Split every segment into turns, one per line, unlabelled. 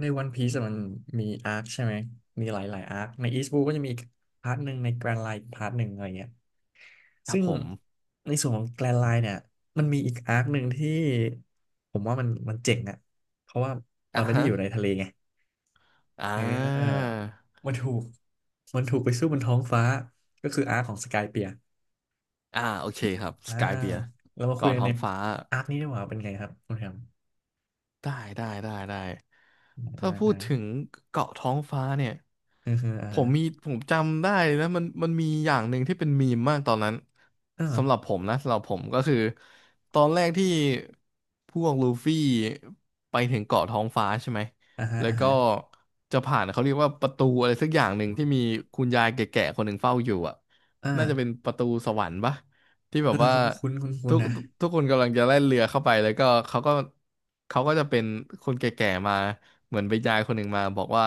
ในวันพีซมันมีอาร์คใช่ไหม มีหลายๆอาร์คในอีสต์บูก็จะมีอีกพาร์ทหนึ่งในแกรนไลน์พาร์ทหนึ่งอะไรเงี้ย
ครั
ซึ่
บ
ง
ผม
ในส่วนของแกรนไลน์เนี่ยมันมีอีกอาร์คหนึ่งที่ผมว่ามันเจ๋งอะเพราะว่ามั
อ่ะ
นไม่ได้
ฮะ
อยู่ในทะเลไง
อ่
เ
า
ออ มันถูก มันถูกไปสู้บนท้องฟ้า ก็คืออาร์คของสกายเปียร์
อ่า โอเคครับส
อ่า
กายเบียร์
เรามาคุย
เกาะ
กัน
ท้อ
ใน
งฟ้า
อาร์คนี้ดีกว่าเป็นไงครับ คุณแฮม
ได้ได้ได้ได้ถ้า
อ่า
พู
อ่า
ดถึงเกาะท้องฟ้าเนี่ย
เออเออ
ผมจำได้นะมันมีอย่างหนึ่งที่เป็นมีมมากตอนนั้น
อ่า
สำหรับผมนะสำหรับผมก็คือตอนแรกที่พวกลูฟี่ไปถึงเกาะท้องฟ้าใช่ไหม
อ่าอ่า
แล้ว
อ่า
ก็จะผ่านเขาเรียกว่าประตูอะไรสักอย่างหนึ่งที่มีคุณยายแก่ๆคนหนึ่งเฝ้าอยู่อ่ะ
อ่า
น่าจะเป็น
อ่า
ประตูสวรรค์ปะที่แบ
เออ
บว่า
คุณ
ทุก
นะ
ทุกคนกำลังจะแล่นเรือเข้าไปแล้วก็เขาก็จะเป็นคนแก่ๆมาเหมือนไปยายคนหนึ่งมาบอกว่า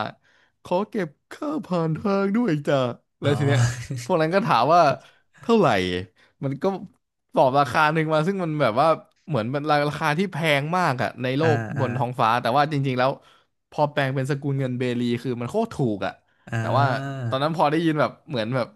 ขอเก็บค่าผ่านทางด้วยจ้ะ
อ๋
แล้
อ
วทีเนี้ย พวกนั้นก็ถามว่าเท่าไหร่มันก็ตอบราคาหนึ่งมาซึ่งมันแบบว่าเหมือนมันราคาที่แพงมากอะในโล
อ่า
กบ
อ่า
นท้องฟ้าแต่ว่าจริงๆแล้วพอแปลงเป็นสกุลเงินเบลีคือมันโคตรถูกอะ
อ่
แต่ว่า
า
ตอนนั้นพอได้ยินแบบเหมือนแบบ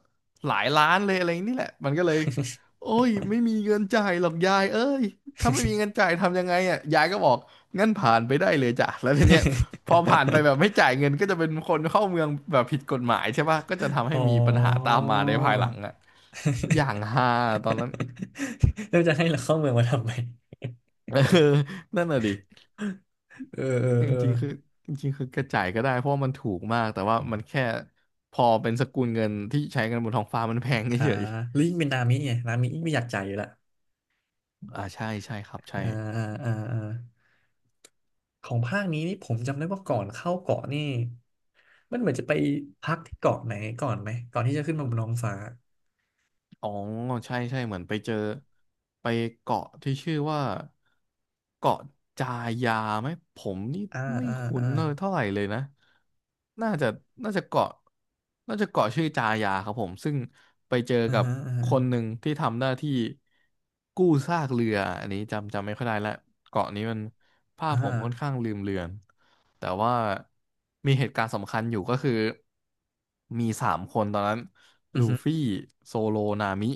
หลายล้านเลยอะไรนี่แหละมันก็เลย โอ้ยไม่มีเงินจ่ายหรอกยายเอ้ยถ้าไม่มีเงินจ่ายทำยังไงอ่ะยายก็บอกงั้นผ่านไปได้เลยจ้ะแล้วทีเนี้ยพอผ่านไปแบบไม่จ่ายเงินก็จะเป็นคนเข้าเมืองแบบผิดกฎหมายใช่ปะก็จะทำให้
อ๋อ
มีปัญหาตามมาในภายหลังอ่ะอย่างฮาตอนนั้น
แล้วจะให้เราเข้าเมืองมาทำไม
เออนั่นน่ะดิ
เออ เออ
จ
เออ
ริงๆคือจริงๆคือกระจ่ายก็ได้เพราะว่ามันถูกมากแต่ว่ามันแค่พอเป็นสกุลเงินที่ใช้กันบนท้องฟ้ามันแพง
อ่า
เฉย
ลิงก์เป็นนามิไงนามิไม่อยากจ่ายอยู่ละ
ๆอ่าใช่ใช่ครับใช่
อ่าอ่าอ่าอ่าของภาคนี้นี่ผมจำได้ว่าก่อนเข้าเกาะนี่มันเหมือนจะไปพักที่เกาะไหนก่อนไหม ก่อนที่จะขึ้นมาบนท้องฟ้า
อ๋อใช่ใช่เหมือนไปเจอไปเกาะที่ชื่อว่าเกาะจายาไหมผมนี่
อ่า
ไม่
อ่า
คุ้
อ่า
นเลยเท่าไหร่เลยนะน่าจะน่าจะเกาะน่าจะเกาะชื่อจายาครับผมซึ่งไปเจอ
อ่า
กับ
ฮะอ่าฮะ
คนหนึ่งที่ทำหน้าที่กู้ซากเรืออันนี้จำจำไม่ค่อยได้ละเกาะนี้มันภา
อ่
พผมค่อน
า
ข้างลืมเลือนแต่ว่ามีเหตุการณ์สำคัญอยู่ก็คือมีสามคนตอนนั้น
อื
ลู
อฮึ
ฟี่โซโลนามิ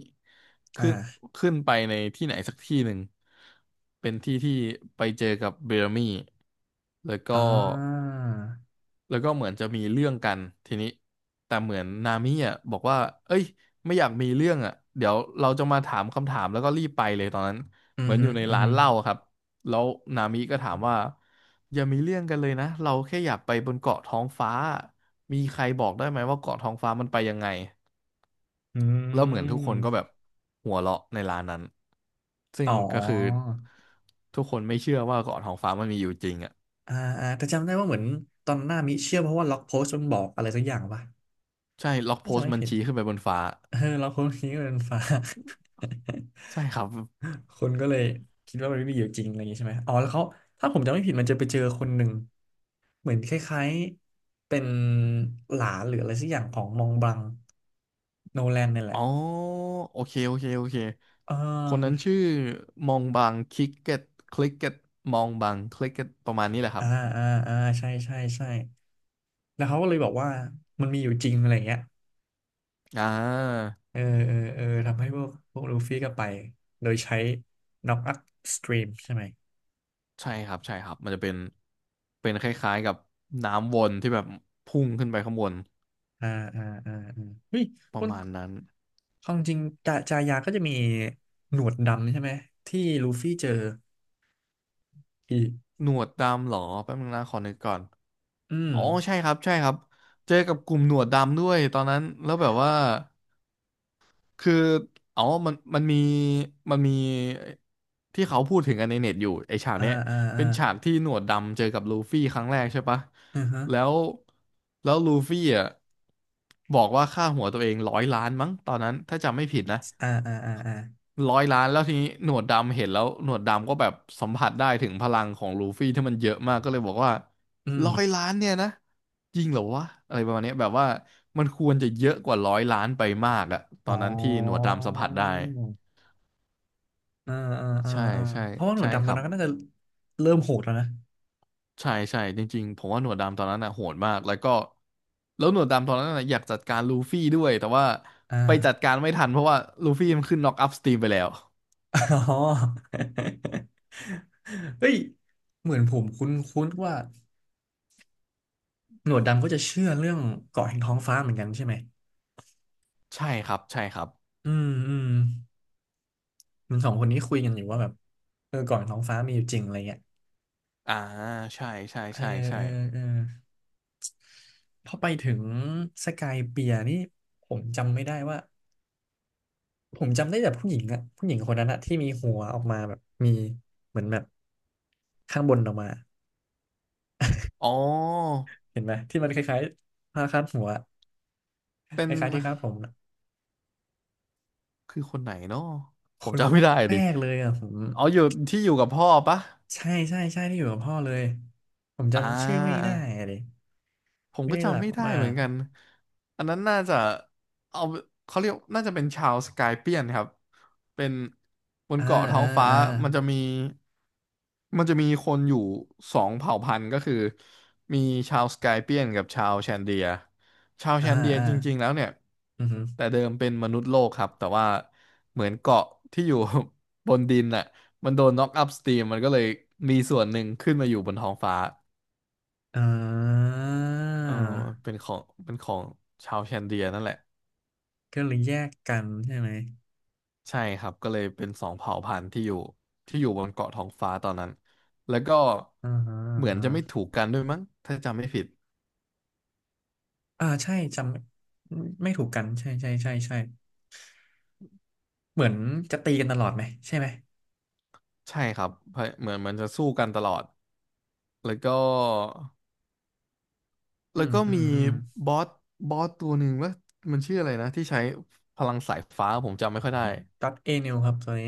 ขึ้น
อ่า
ขึ้นไปในที่ไหนสักที่หนึ่งเป็นที่ที่ไปเจอกับเบรมี่แล้วก็
อ่า
เหมือนจะมีเรื่องกันทีนี้แต่เหมือนนามิอ่ะบอกว่าเอ้ยไม่อยากมีเรื่องอ่ะเดี๋ยวเราจะมาถามคำถามแล้วก็รีบไปเลยตอนนั้น
อื
เห
อ
มือน
ฮึ
อยู่ใน
อือ
ร้า
ฮึ
นเหล้าอะครับแล้วนามิก็ถามว่าอย่ามีเรื่องกันเลยนะเราแค่อยากไปบนเกาะท้องฟ้ามีใครบอกได้ไหมว่าเกาะท้องฟ้ามันไปยังไง
อื
แล้วเหมือนทุกคนก็แบบ
ม
หัวเราะในร้านนั้นซึ่
อ๋
งก็คือ
อ
ทุกคนไม่เชื่อว่าเกาะทองฟ้ามันมีอยู่จริงอ่ะ
อ่าอ่าแต่จำได้ว่าเหมือนตอนหน้ามิเชื่อเพราะว่าล็อกโพสต์มันบอกอะไรสักอย่างป่ะ
ใช่ล็อกโพ
น่าจะ
สต์
ไม่
มัน
ผิด
ชี้ขึ้นไปบนฟ้า
เออล็อกโพสต์นี้ก็เป็นฟ้า
ใช่ครับ
คนก็เลยคิดว่ามันไม่มีอยู่จริงอะไรอย่างนี้ใช่ไหมอ๋อแล้วเขาถ้าผมจำไม่ผิดมันจะไปเจอคนหนึ่งเหมือนคล้ายๆเป็นหลานหรืออะไรสักอย่างของมองบังโนแลนนี่แห
อ๋
ละ
อโอเคโอเคโอเค
เอ
คนนั้น
่
ชื่อมองบางคิกเก็ตคลิกเก็ตมองบางคลิกเก็ตประมาณนี้แหละครั
อ่า
บ
อ่าอ่าใช่ใช่ใช่ แล้วเขาก็เลยบอกว่ามันมีอยู่จริงอะไรเงี้ย
อ่า
เออเออเออทำให้พวกลูฟี่ก็ไปโดยใช้น็อกอัพสตรีมใช่ไหม
ใช่ครับใช่ครับมันจะเป็นเป็นคล้ายๆกับน้ำวนที่แบบพุ่งขึ้นไปข้างบน
อ่าอ่าอ่าอ่าเฮ้ย
ป
ค
ระ
น
มาณนั้น
ความจริงจายาก็จะมีหนวดดำใช่ไหมที่ลูฟี่เจออีก
หนวดดำเหรอแป๊บนึงนะขอนึกก่อน
อืม
อ๋อใช่ครับใช่ครับเจอกับกลุ่มหนวดดำด้วยตอนนั้นแล้วแบบว่าคืออ๋อมันมีมันมีที่เขาพูดถึงกันในเน็ตอยู่ไอฉาก
อ่า
เนี้ย
อ่าอ่า
เป็นฉากที่หนวดดำเจอกับลูฟี่ครั้งแรกใช่ปะ
อือฮะ
แล้วแล้วลูฟี่อ่ะบอกว่าค่าหัวตัวเองร้อยล้านมั้งตอนนั้นถ้าจำไม่ผิดนะ
อ่าอ่าอ่าอ่า
ร้อยล้านแล้วทีนี้หนวดดำเห็นแล้วหนวดดำก็แบบสัมผัสได้ถึงพลังของลูฟี่ที่มันเยอะมากก็เลยบอกว่า
อืม
ร้อยล้านเนี่ยนะจริงเหรอวะอะไรประมาณเนี้ยแบบว่ามันควรจะเยอะกว่าร้อยล้านไปมากอะต
อ๋
อนนั้นที่หนวด
อ
ดำสัมผัสได้
อ่าอ่าอ่า
ใช่
อ่า
ใช่
เพราะว่าหนว
ใช่
ดดำต
ค
อน
รับ
นั้นก็น่าจะเริ่มโหดแล้วนะ
ใช่ใช่จริงๆผมว่าหนวดดำตอนนั้นน่ะโหดมากแล้วก็แล้วหนวดดำตอนนั้นน่ะอยากจัดการลูฟี่ด้วยแต่ว่า
อ่า
ไปจัดการไม่ทันเพราะว่าลูฟี่มันขึ้นน็อกอัพสตรีมไปแล้ว
อ๋อ เฮ้ยเหมือนผมคุ้นคุ้นว่าหนวดดำก็จะเชื่อเรื่องเกาะแห่งท้องฟ้าเหมือนกันใช่ไหม
ใช่ครับใช่ครับ
อืมอืมเหมันสองคนนี้คุยกันอยู่ว่าแบบเออเกาะแห่งท้องฟ้ามีอยู่จริงอะไรเงี้ย
อ่าใช่ใช่
เออ
ใช่ใช่
เออเออพอไปถึงสกายเปียร์นี่ผมจำไม่ได้ว่าผมจำได้แต่ผู้หญิงอะผู้หญิงคนนั้นอะที่มีหัวออกมาแบบมีเหมือนแบบข้างบนออกมา
อ๋อ
เห็นไหมที่มันคล้ายๆผ้าคาดหัว
เป็
ค
น
ล้ายๆที่คาดผม
คือคนไหนเนาะ
ค
ผม
น
จำ
แ
ไม่ได้
ร
ดิ
กๆเลยอ่ะผม
อ๋ออยู่ที่อยู่กับพ่อปะ
ใช่ใช่ใช่ที่อยู่กับพ่อเลยผม
อ่
จำชื่อไม่ได้
า
เลย
ผม
ไม่
ก็
ได้หลั
จำ
ก
ไม่ได้
มา
เหมือ
ก
นกัน อันนั้นน่าจะ เอา เขาเรียกน่าจะเป็นชาวสกายเปียนครับเป็นบน
อ่า
เกาะท้อ
อ่า
งฟ้า
อ่า
มันจะมี มันจะมีคนอยู่สองเผ่าพันธุ์ก็คือ มีชาวสกายเปียนกับชาวแชนเดียชาว
อ่า
แชนเดีย
อ่า
จริงๆแล้วเนี่ย
อือหือ
แต่เดิมเป็นมนุษย์โลกครับ แต่ว่าเหมือนเกาะที่อยู่ บนดินน่ะมันโดนน็อกอัพสตรีมมันก็เลยมีส่วนหนึ่งขึ้นมาอยู่บนท้องฟ้า
อ่า
เออเป็นของชาวแคนเดียนั่นแหละ
ก็เลยแยกกันใช่ไหม
ใช่ครับก็เลยเป็นสองเผ่าพันธุ์ที่อยู่บนเกาะท้องฟ้าตอนนั้นแล้วก็
อ่าฮะอ่า
เหมือน
ฮะ
จะไม่ถูกกันด้วยมั้งถ้าจำไม่ผิด
อ่าใช่จำไม่ถูกกันใช่ใช่ใช่ใช่เหมือนจะตีกันตลอดไหมใช่ไหม
ใช่ครับเพราะเหมือนมันจะสู้กันตลอดแล้วก็
อืมอื
มี
มอืม
บอสบอสตัวหนึ่งว่ามันชื่ออะไรนะที่ใช้พลังสายฟ้าผมจำไม่ค่อยได้
ตัดเอนิวครับตัวนี้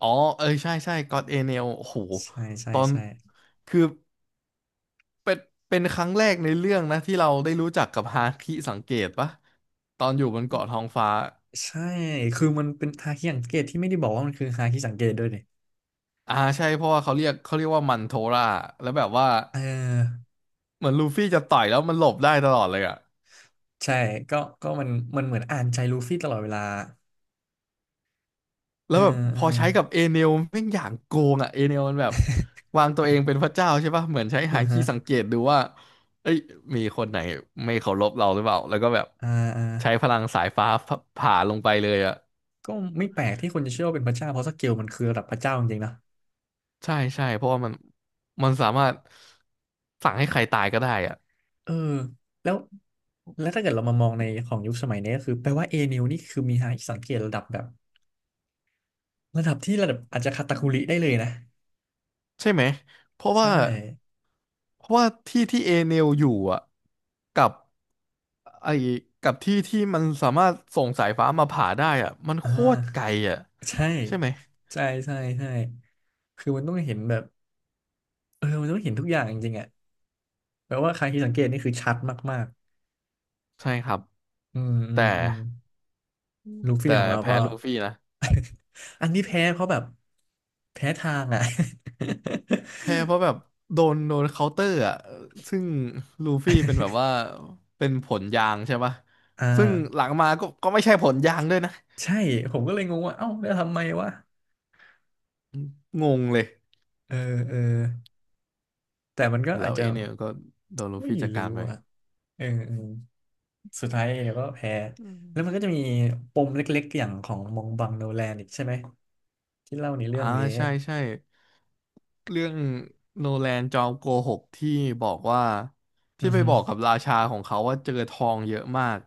อ๋อเออใช่ใช่ก็อดเอเนลโอ้โห
ใช่ใช่
ตอน
ใช่
คือ เป็นครั้งแรกในเรื่องนะที่เราได้รู้จักกับฮาคิสังเกตปะตอนอยู่บนเกาะทองฟ้า
ใช่คือมันเป็นฮาคิสังเกตที่ไม่ได้บอกว่ามันคือฮาคิสังเกตด้วยดิ
อ่าใช่เพราะว่าเขาเรียกว่ามันโทราแล้วแบบว่า
เออ
เหมือนลูฟี่จะต่อยแล้วมันหลบได้ตลอดเลยอะ
ใช่ก็ก็มันเหมือนอ่านใจลูฟี่ตลอดเวลา
แล้
เอ
ว
อ
แบบพ
เออ
อใช้กับเอเนลแม่งอย่างโกงอะเอเนลมันแบบวางตัวเองเป็นพระเจ้าใช่ปะเหมือนใช้
เอื
ฮา
อ
คิ
ฮะ
สังเกตดูว่าเอ้ยมีคนไหนไม่เคารพเราหรือเปล่าแล้วก็แบบ
อ่าอ่า
ใช้พลังสายฟ้าผ่าลงไปเลยอะ
ก็ไม่แปลกที่คนจะเชื่อว่าเป็นพระเจ้าเพราะสเกลมันคือระดับพระเจ้าจริงๆนะ
ใช่ใช่เพราะว่ามันสามารถสั่งให้ใครตายก็ได้อะ
เออแล้วแล้วถ้าเกิดเรามามองในของยุคสมัยนี้ก็คือแปลว่าเอนิวนี่คือมีหาสังเกตระดับแบบระดับที่ระดับอาจจะคาตาคุริได้เลยนะ
ใช่ไหมเพราะ
ใช่
ว่าที่ที่เอเนลอยู่อ่ะกับไอ้กับที่ที่มันสามารถส่งสายฟ้ามาผ่าได้อ่ะมัน
อ่
โคตรไก
า
ลอ่ะ
ใช่
ใช่ไหม
ใช่ใช่ใช่คือมันต้องเห็นแบบเออมันต้องเห็นทุกอย่างจริงๆอ่ะแปลว่าใครที่สังเกตนี่คือชัดมาก
ใช่ครับ
อืมอื
แต่
มอืมลูฟี่
แต่
ของเรา
แพ้
ก็
ลูฟี่นะ
อันนี้แพ้เขาแบบแพ้ทางอ่ะ
แพ้เพราะแบบโดนเคาน์เตอร์อ่ะซึ่งลูฟี่เป็นแบบว่าเป็นผลยางใช่ปะ
อ่า
ซึ่งหลังมาก็ไม่ใช่ผลยางด้วยนะ
ใช่ผมก็เลยงงว่าเอ้าแล้วทำไมวะ
งงเลย
เออเออแต่มันก็
แล้
อาจ
ว
จะ
เอเนี่ยก็โดนลู
ไม่
ฟี่จัดกา
รู้
รไป
อ่ะเออเออสุดท้ายเดี๋ยวก็แพ้
อื
แล้วมัน
ม
ก็จะมีปมเล็กๆอย่างของมองบังโนแลนอีกใช่ไหมที่เล่าในเรื่
อ่า
องนี้
ใช่ใช่เรื่องโนแลนจอมโกหกที่บอกว่า
อื
ที่
อ
ไป
ฮึ
บอกกับราชาของเขาว่าเจอทองเยอะมาก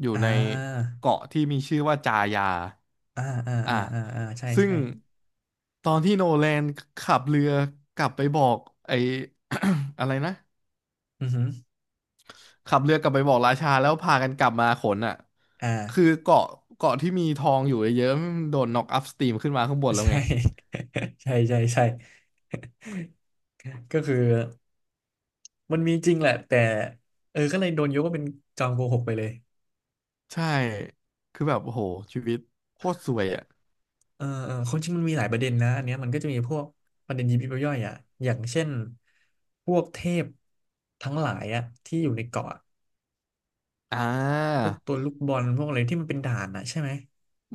อยู่
อ่
ใน
า
เกาะที่มีชื่อว่าจายา
อ่าอ่า
อ่ะ
อ่าอ่าอ่าใช่
ซึ่ง
ใช่
ตอนที่โนแลนขับเรือกลับไปบอกไอ้ อะไรนะ
อือฮึ
ขับเรือกลับไปบอกราชาแล้วพากันกลับมาขนอ่ะ
อ่า
คือเกาะที่มีทองอยู่เยอะๆมันโดนน็อกอัพสตรีมขึ้นมาข้างบนแล้ว
ใช่
ไง
ใช่ใช่ใช่ก็คือมันมีจริงแหละแต่เออก็เลยโดนยกว่าเป็นจอมโกหกไปเลย
ใช่คือแบบโอ้โหชีวิตโคตรสวยอ่ะ
เออเออความจริงมันมีหลายประเด็นนะอันเนี้ยมันก็จะมีพวกประเด็นยิบย่อยๆอ่ะอย่างเช่นพวกเทพทั้งหลายอ่ะที่อยู่ในเกาะอะ
อ่า
พวกตัวลูกบอลพวกอะไรที่มันเป็นด่านอ่ะใช่ไหม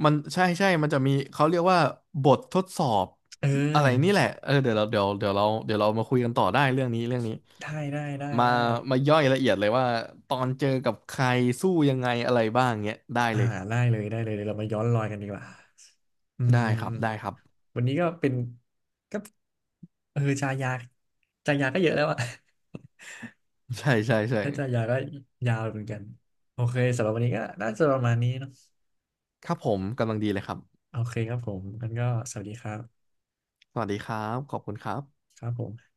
มันใช่ใช่มันจะมีเขาเรียกว่าบททดสอบ
เอ
อะไรนี่
อ
แหละเออเดี๋ยวเราเดี๋ยวเรามาคุยกันต่อได้เรื่องนี้
ได้ได้ได้
มา
ได้
ย่อยละเอียดเลยว่าตอนเจอกับใครสู้ยังไงอะไรบ้างเงี้ยได้
อ่า
เลย
ได้เลยได้เลยเดี๋ยวเรามาย้อนรอยกันดีกว่าอืม
ได้ครับ
วันนี้ก็เป็นก็เออชายาชายาก็เยอะแล้วอะ
ใช่ใช่ใช่
ถ้าชายาก็ยาวเหมือนกันโอเคสำหรับวันนี้ก็น่าจะประมาณนี้เนาะ
ครับผมกำลังดีเลยครับ
โอเคครับผมงั้นก็สวัสดีครับ
สวัสดีครับ ขอบคุณครับ
ครับผม